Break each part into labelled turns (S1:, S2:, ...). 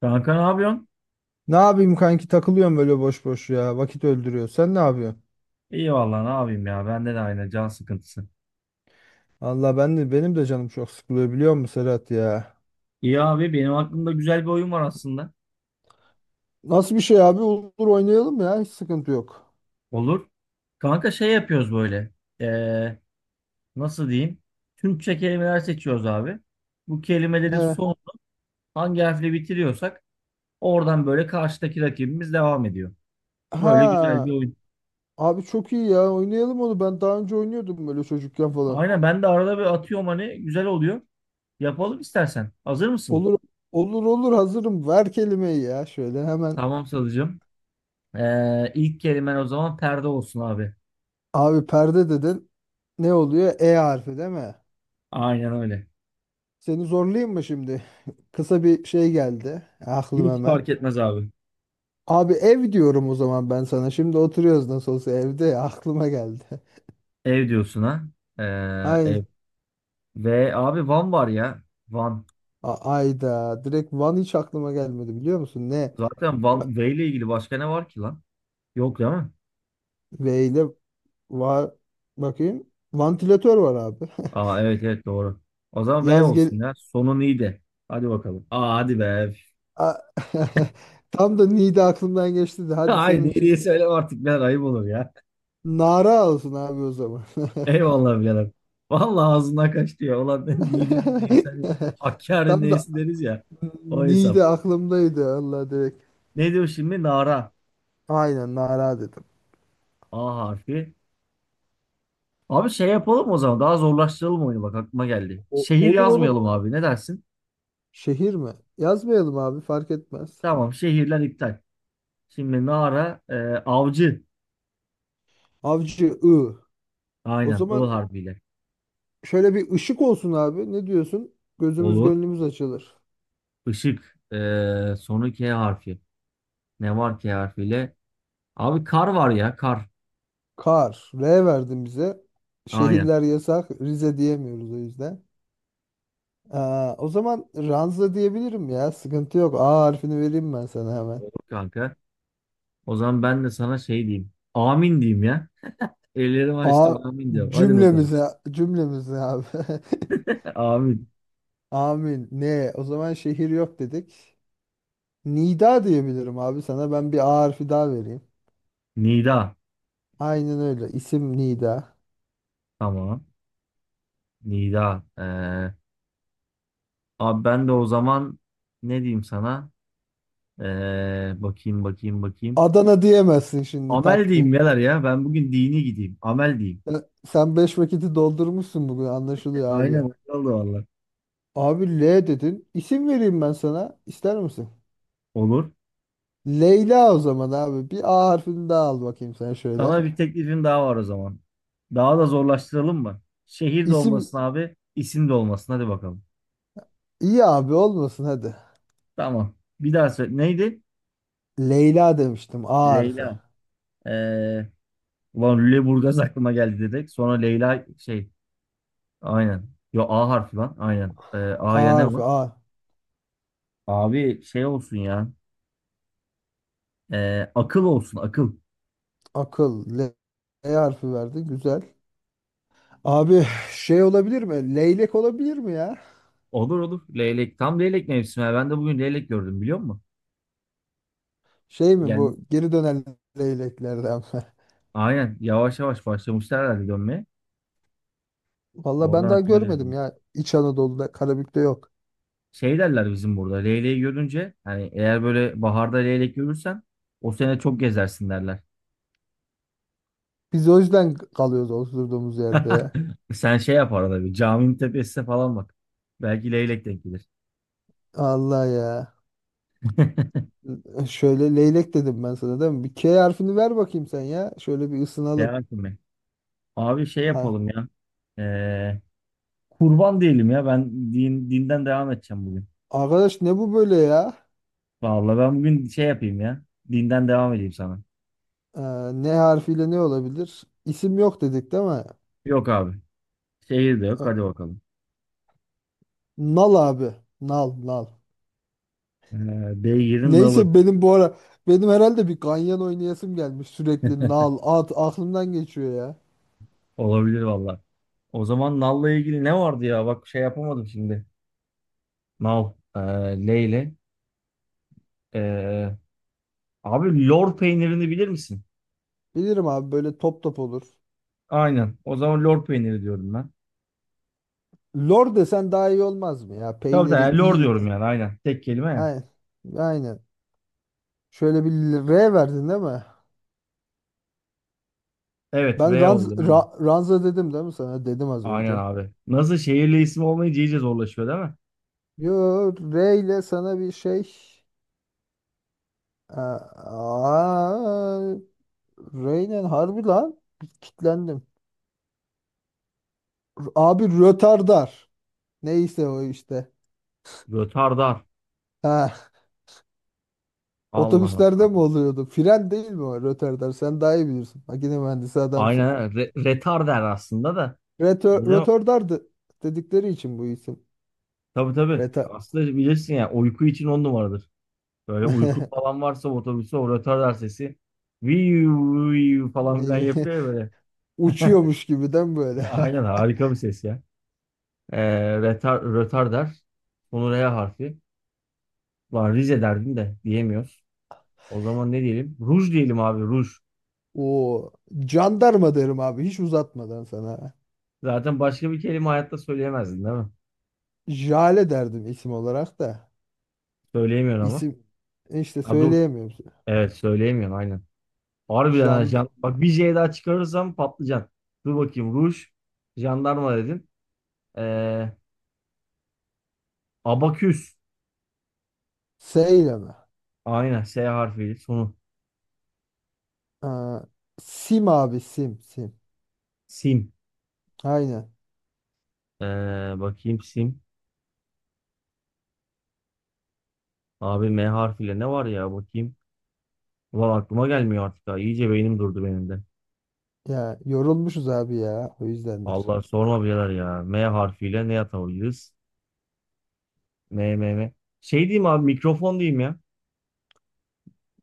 S1: Kanka ne yapıyorsun?
S2: Ne yapayım kanki takılıyorum böyle boş boş ya. Vakit öldürüyor. Sen ne yapıyorsun?
S1: İyi vallahi ne yapayım ya. Bende de aynı can sıkıntısı.
S2: Allah ben de benim de canım çok sıkılıyor biliyor musun Serhat ya?
S1: İyi abi benim aklımda güzel bir oyun var aslında.
S2: Nasıl bir şey abi? Olur oynayalım ya. Hiç sıkıntı yok.
S1: Olur. Kanka şey yapıyoruz böyle. Ee, Nasıl diyeyim? Türkçe kelimeler seçiyoruz abi. Bu kelimelerin
S2: He.
S1: son hangi harfle bitiriyorsak oradan böyle karşıdaki rakibimiz devam ediyor. Böyle güzel bir
S2: Ha.
S1: oyun.
S2: Abi çok iyi ya. Oynayalım onu. Ben daha önce oynuyordum böyle çocukken falan.
S1: Aynen ben de arada bir atıyorum hani güzel oluyor. Yapalım istersen. Hazır mısın?
S2: Olur olur olur hazırım. Ver kelimeyi ya şöyle hemen.
S1: Tamam Salıcığım. İlk kelimen o zaman perde olsun abi.
S2: Abi perde dedin. Ne oluyor? E harfi değil mi?
S1: Aynen öyle.
S2: Seni zorlayayım mı şimdi? Kısa bir şey geldi. Aklım
S1: Hiç
S2: hemen.
S1: fark etmez abi.
S2: Abi ev diyorum o zaman ben sana. Şimdi oturuyoruz nasıl olsa evde ya, aklıma geldi.
S1: Ev diyorsun ha.
S2: Aynı.
S1: Ev. Ve abi Van var ya. Van.
S2: A- Ayda. Direkt Van hiç aklıma gelmedi biliyor musun? Ne?
S1: Zaten
S2: Va-
S1: Van V ile ilgili başka ne var ki lan? Yok değil mi?
S2: V ile var. Bakayım. Vantilatör var abi.
S1: Aa evet evet doğru. O zaman V
S2: Yaz gel.
S1: olsun ya. Sonun iyi de. Hadi bakalım. Aa hadi be.
S2: A- Tam da Niğde aklımdan geçti de hadi
S1: Hayır
S2: senin
S1: iyi
S2: için.
S1: diye söyle artık ben ayıp olur ya.
S2: Nara olsun abi o zaman.
S1: Eyvallah birader. Vallahi ağzından kaçtı ya. Ulan Niğde'nin neyse, hani Hakkari'nin
S2: Tam da
S1: neyse deriz ya. O
S2: Niğde
S1: hesap.
S2: aklımdaydı Allah direkt.
S1: Ne diyor şimdi? Nara.
S2: Aynen Nara dedim.
S1: A harfi. Abi şey yapalım o zaman. Daha zorlaştıralım oyunu bak aklıma geldi.
S2: O-
S1: Şehir
S2: olur olur.
S1: yazmayalım abi. Ne dersin?
S2: Şehir mi? Yazmayalım abi fark etmez.
S1: Tamam şehirler iptal. Şimdi Nara e, avcı.
S2: Avcı I. O
S1: Aynen I
S2: zaman
S1: harfiyle.
S2: şöyle bir ışık olsun abi. Ne diyorsun? Gözümüz
S1: Olur.
S2: gönlümüz açılır.
S1: Işık. E, sonu K harfi. Ne var K harfiyle? Abi kar var ya kar.
S2: Kar. R verdin bize.
S1: Aynen.
S2: Şehirler yasak. Rize diyemiyoruz o yüzden. Aa, o zaman Ranza diyebilirim ya. Sıkıntı yok. A harfini vereyim ben sana hemen.
S1: Olur kanka. O zaman ben de sana şey diyeyim. Amin diyeyim ya. Ellerimi
S2: A
S1: açtım amin diyorum. Hadi bakalım.
S2: cümlemize abi.
S1: Amin.
S2: Amin. Ne? O zaman şehir yok dedik. Nida diyebilirim abi sana. Ben bir A harfi daha vereyim.
S1: Nida.
S2: Aynen öyle. İsim Nida.
S1: Tamam. Nida. E, abi ben de o zaman ne diyeyim sana? Bakayım bakayım.
S2: Adana diyemezsin şimdi
S1: Amel
S2: tak diye.
S1: diyeyim neler ya. Ben bugün dini gideyim. Amel diyeyim.
S2: Sen beş vakiti doldurmuşsun bugün anlaşılıyor
S1: Aynen
S2: abi.
S1: öyle oldu valla.
S2: Abi L dedin. İsim vereyim ben sana. İster misin?
S1: Olur.
S2: Leyla o zaman abi. Bir A harfini daha al bakayım sen şöyle.
S1: Sana bir teklifim daha var o zaman. Daha da zorlaştıralım mı? Şehir de
S2: İsim
S1: olmasın abi, isim de olmasın. Hadi bakalım.
S2: iyi abi olmasın hadi.
S1: Tamam. Bir daha söyle. Neydi?
S2: Leyla demiştim. A harfi.
S1: Leyla. Ee, Ulan Lüleburgaz aklıma geldi dedik. Sonra Leyla şey. Aynen. Yo A harfi lan. Aynen.
S2: A
S1: A'ya ne
S2: harfi.
S1: var?
S2: A.
S1: Abi şey olsun ya. Akıl olsun akıl.
S2: Akıl. L, L harfi verdi. Güzel. Abi şey olabilir mi? Leylek olabilir mi ya?
S1: Olur olur. Leylek. Tam leylek mevsimi. Ben de bugün leylek gördüm biliyor musun?
S2: Şey mi
S1: Yani
S2: bu? Geri dönen leyleklerden.
S1: aynen. Yavaş yavaş başlamışlar herhalde dönmeye.
S2: Valla ben
S1: Oradan
S2: daha
S1: aklıma geldi.
S2: görmedim ya. İç Anadolu'da, Karabük'te yok.
S1: Şey derler bizim burada. Leyleği görünce hani eğer böyle baharda leylek görürsen o sene çok gezersin derler.
S2: Biz o yüzden kalıyoruz oturduğumuz yerde ya.
S1: Sen şey yap arada bir caminin tepesine falan bak. Belki leylek denk gelir.
S2: Allah ya. Şöyle leylek dedim ben sana değil mi? Bir K harfini ver bakayım sen ya. Şöyle bir ısınalım.
S1: Devam mi? Abi şey
S2: Ay.
S1: yapalım ya. Ee, Kurban diyelim ya. Ben dinden devam edeceğim bugün.
S2: Arkadaş ne bu böyle ya?
S1: Vallahi ben bugün şey yapayım ya. Dinden devam edeyim sana.
S2: Ee, ne harfiyle ne olabilir? İsim yok dedik değil mi?
S1: Yok abi. Şehir de yok. Hadi
S2: Ee,
S1: bakalım.
S2: Nal abi. Nal, nal.
S1: Beygir'in nalı.
S2: Neyse benim bu ara benim herhalde bir ganyan oynayasım gelmiş sürekli nal, at aklımdan geçiyor ya.
S1: Olabilir valla. O zaman nalla ilgili ne vardı ya? Bak şey yapamadım şimdi. Nal. Leyle. Ee, Abi lor peynirini bilir misin?
S2: Bilirim abi böyle top top olur.
S1: Aynen. O zaman lor peyniri diyorum ben.
S2: Lor desen daha iyi olmaz mı ya?
S1: Tabii tabii.
S2: Peyniri
S1: Yani lor
S2: iyi.
S1: diyorum yani. Aynen. Tek kelime ya.
S2: Aynen. Aynen. Şöyle bir R verdin değil mi?
S1: Evet.
S2: Ben
S1: V
S2: ranz,
S1: oldu. Aynen.
S2: ra- ranza dedim değil mi sana? Dedim az
S1: Aynen
S2: önce.
S1: abi. Nasıl şehirli isim olmayınca iyice zorlaşıyor değil mi?
S2: Yo R ile sana bir şey. Aa, R ile harbi lan. Kitlendim. Abi rötardar. Neyse o işte.
S1: Rötardar.
S2: Ha,
S1: Allah
S2: otobüslerde
S1: Allah.
S2: mi oluyordu? Fren değil mi o rötardar? Sen daha iyi bilirsin. Makine mühendisi adamsın.
S1: Aynen. Retar aslında da.
S2: Rötö-
S1: Öyle.
S2: Rötardar de- dedikleri için bu isim.
S1: Tabii tabii.
S2: Reta
S1: Aslında bilirsin ya uyku için on numaradır. Böyle uyku falan varsa otobüse o rötardar sesi viu viu falan filan yapıyor ya böyle.
S2: uçuyormuş gibiden böyle.
S1: Aynen harika bir ses ya. Rötardar. Sonu R harfi. Ulan Rize derdin de diyemiyoruz. O zaman ne diyelim? Ruj diyelim abi ruj.
S2: O jandarma derim abi hiç uzatmadan sana.
S1: Zaten başka bir kelime hayatta söyleyemezdin değil mi?
S2: Jale derdim isim olarak da.
S1: Söyleyemiyorsun ama.
S2: İsim işte
S1: Ha dur.
S2: söyleyemiyorum.
S1: Evet söyleyemiyorsun aynen. Harbiden ha,
S2: Jand
S1: Bak bir J daha çıkarırsam patlıcan. Dur bakayım ruj. Jandarma dedin. Ee, Abaküs.
S2: S ile mi?
S1: Aynen S harfiyle sonu.
S2: Ha, Sim abi Sim Sim.
S1: Sim.
S2: Aynen.
S1: Ee, Bakayım sim. Abi M harfiyle ne var ya bakayım. Ulan aklıma gelmiyor artık ha. İyice beynim durdu benim de.
S2: Ya yorulmuşuz abi ya o yüzdendir.
S1: Allah sorma birader ya. M harfiyle ne yapabiliriz? M M M. Şey diyeyim abi mikrofon diyeyim ya.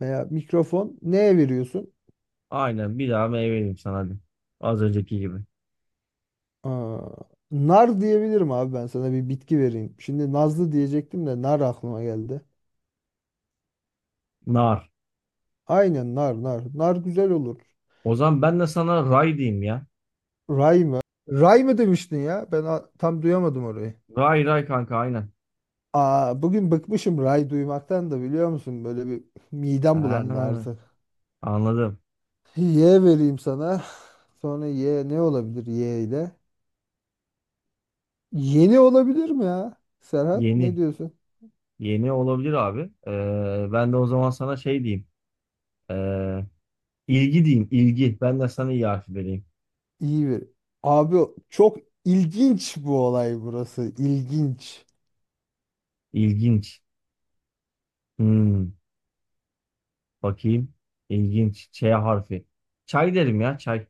S2: Veya mikrofon neye veriyorsun?
S1: Aynen bir daha M vereyim sana hadi. Az önceki gibi.
S2: Aa, nar diyebilirim abi ben sana bir bitki vereyim. Şimdi nazlı diyecektim de nar aklıma geldi.
S1: Nar.
S2: Aynen nar nar. Nar güzel olur.
S1: O zaman ben de sana ray diyeyim ya.
S2: Ray mı? Ray mı demiştin ya? Ben a- tam duyamadım orayı.
S1: Ray ray kanka aynen.
S2: Aa, bugün bıkmışım ray duymaktan da biliyor musun? Böyle bir midem
S1: Ha,
S2: bulandı artık.
S1: anladım.
S2: Y vereyim sana. Sonra Y ne olabilir Y ile? Yeni olabilir mi ya? Serhat ne
S1: Yeni.
S2: diyorsun?
S1: Yeni olabilir abi. Ben de o zaman sana şey diyeyim. Ee, ilgi diyeyim. İlgi. Ben de sana iyi harfi vereyim.
S2: İyi bir. Abi çok ilginç bu olay burası. İlginç.
S1: İlginç. Hmm, Bakayım. İlginç. Ç harfi. Çay derim ya çay.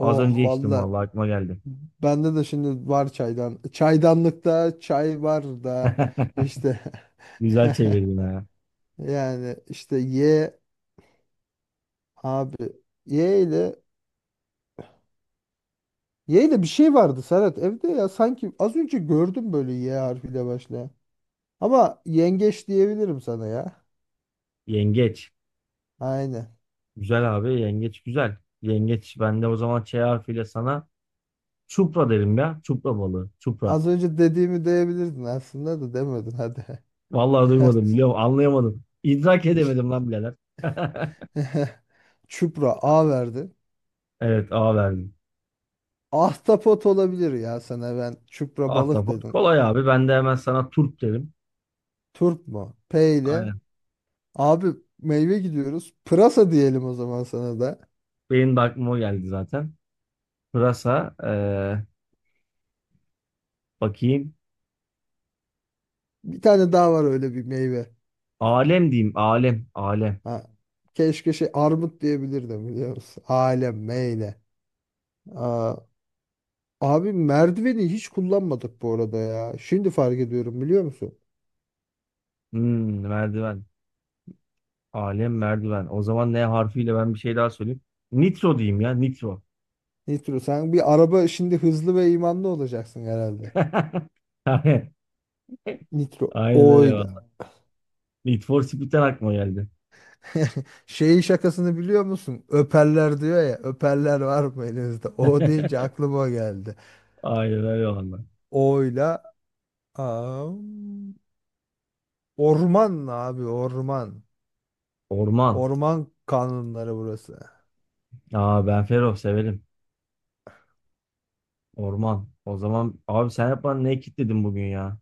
S1: Az önce içtim
S2: valla.
S1: vallahi aklıma geldi.
S2: Bende de şimdi var çaydan. Çaydanlıkta çay var da işte
S1: Güzel çevirdin ha.
S2: yani işte ye abi ye ile ye ile bir şey vardı Serhat evde ya sanki az önce gördüm böyle ye harfiyle başlayan. Ama yengeç diyebilirim sana ya.
S1: Yengeç.
S2: Aynen.
S1: Güzel abi. Yengeç güzel. Yengeç. Ben de o zaman Ç harfiyle sana çupra derim ya. Çupra balığı. Çupra.
S2: Az önce dediğimi diyebilirdin aslında da demedin hadi.
S1: Vallahi duymadım biliyor musun? Anlayamadım. İdrak edemedim lan birader.
S2: Çupra A verdi.
S1: Evet A verdim.
S2: Ahtapot olabilir ya sana ben. Çupra balık
S1: Ahtapot
S2: dedim.
S1: kolay abi. Ben de hemen sana turp derim.
S2: Turp mu? P ile.
S1: Aynen.
S2: Abi meyve gidiyoruz. Pırasa diyelim o zaman sana da.
S1: Benim de aklıma o geldi zaten. Pırasa. Bakayım.
S2: Bir tane daha var öyle bir meyve.
S1: Alem diyeyim. Alem. Alem.
S2: Ha. Keşke şey armut diyebilirdim biliyor musun? Alem meyle. Aa, abi merdiveni hiç kullanmadık bu arada ya. Şimdi fark ediyorum biliyor musun?
S1: Merdiven. Alem merdiven. O zaman ne harfiyle ben bir şey daha söyleyeyim. Nitro diyeyim ya. Nitro.
S2: Nitro sen bir araba şimdi hızlı ve imanlı olacaksın herhalde.
S1: Aynen.
S2: Nitro
S1: Aynen öyle
S2: oyla.
S1: valla. Need for Speed'den aklıma geldi.
S2: Şeyi şakasını biliyor musun? Öperler diyor ya. Öperler var mı elinizde? O deyince aklıma o geldi.
S1: Aynen öyle valla.
S2: Oyla Aa, orman abi orman.
S1: Orman.
S2: Orman kanunları burası.
S1: Aa ben Fero severim. Orman. O zaman abi sen hep bana ne kitledin bugün ya?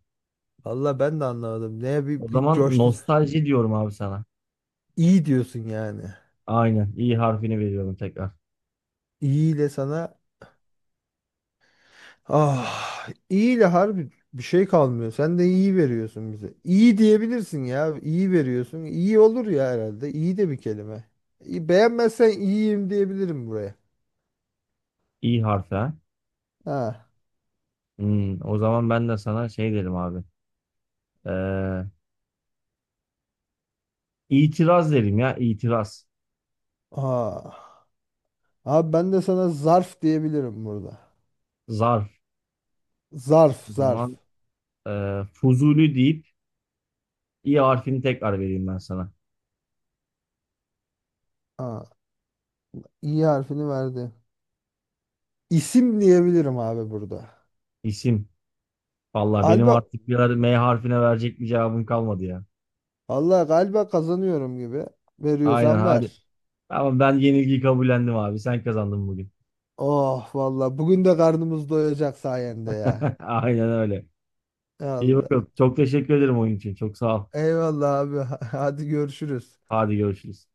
S2: Valla ben de anlamadım. Neye bir,
S1: O
S2: bir
S1: zaman
S2: coştun.
S1: nostalji diyorum abi sana.
S2: İyi diyorsun yani.
S1: Aynen. İ harfini veriyorum tekrar.
S2: İyiyle sana ah iyiyle harbi bir şey kalmıyor. Sen de iyi veriyorsun bize. İyi diyebilirsin ya. İyi veriyorsun. İyi olur ya herhalde. İyi de bir kelime. İyi- Beğenmezsen iyiyim diyebilirim buraya.
S1: İ harfi. Ha.
S2: Ha.
S1: O zaman ben de sana şey derim abi. Ee, itiraz derim ya. İtiraz.
S2: Aa. Abi ben de sana zarf diyebilirim burada.
S1: Zarf.
S2: Zarf,
S1: O zaman
S2: zarf.
S1: Fuzuli deyip İ harfini tekrar vereyim ben sana.
S2: Ha. İ harfini verdi. İsim diyebilirim abi burada.
S1: İsim. Vallahi benim
S2: Alba,
S1: artık bir ara M harfine verecek bir cevabım kalmadı ya.
S2: Allah galiba kazanıyorum gibi.
S1: Aynen
S2: Veriyorsan
S1: hadi.
S2: ver.
S1: Tamam ben yenilgiyi kabullendim abi. Sen kazandın bugün.
S2: Oh valla bugün de karnımız doyacak sayende ya.
S1: Aynen öyle. İyi
S2: Allah.
S1: bakalım. Çok teşekkür ederim oyun için. Çok sağ ol.
S2: Eyvallah abi. Hadi görüşürüz.
S1: Hadi görüşürüz.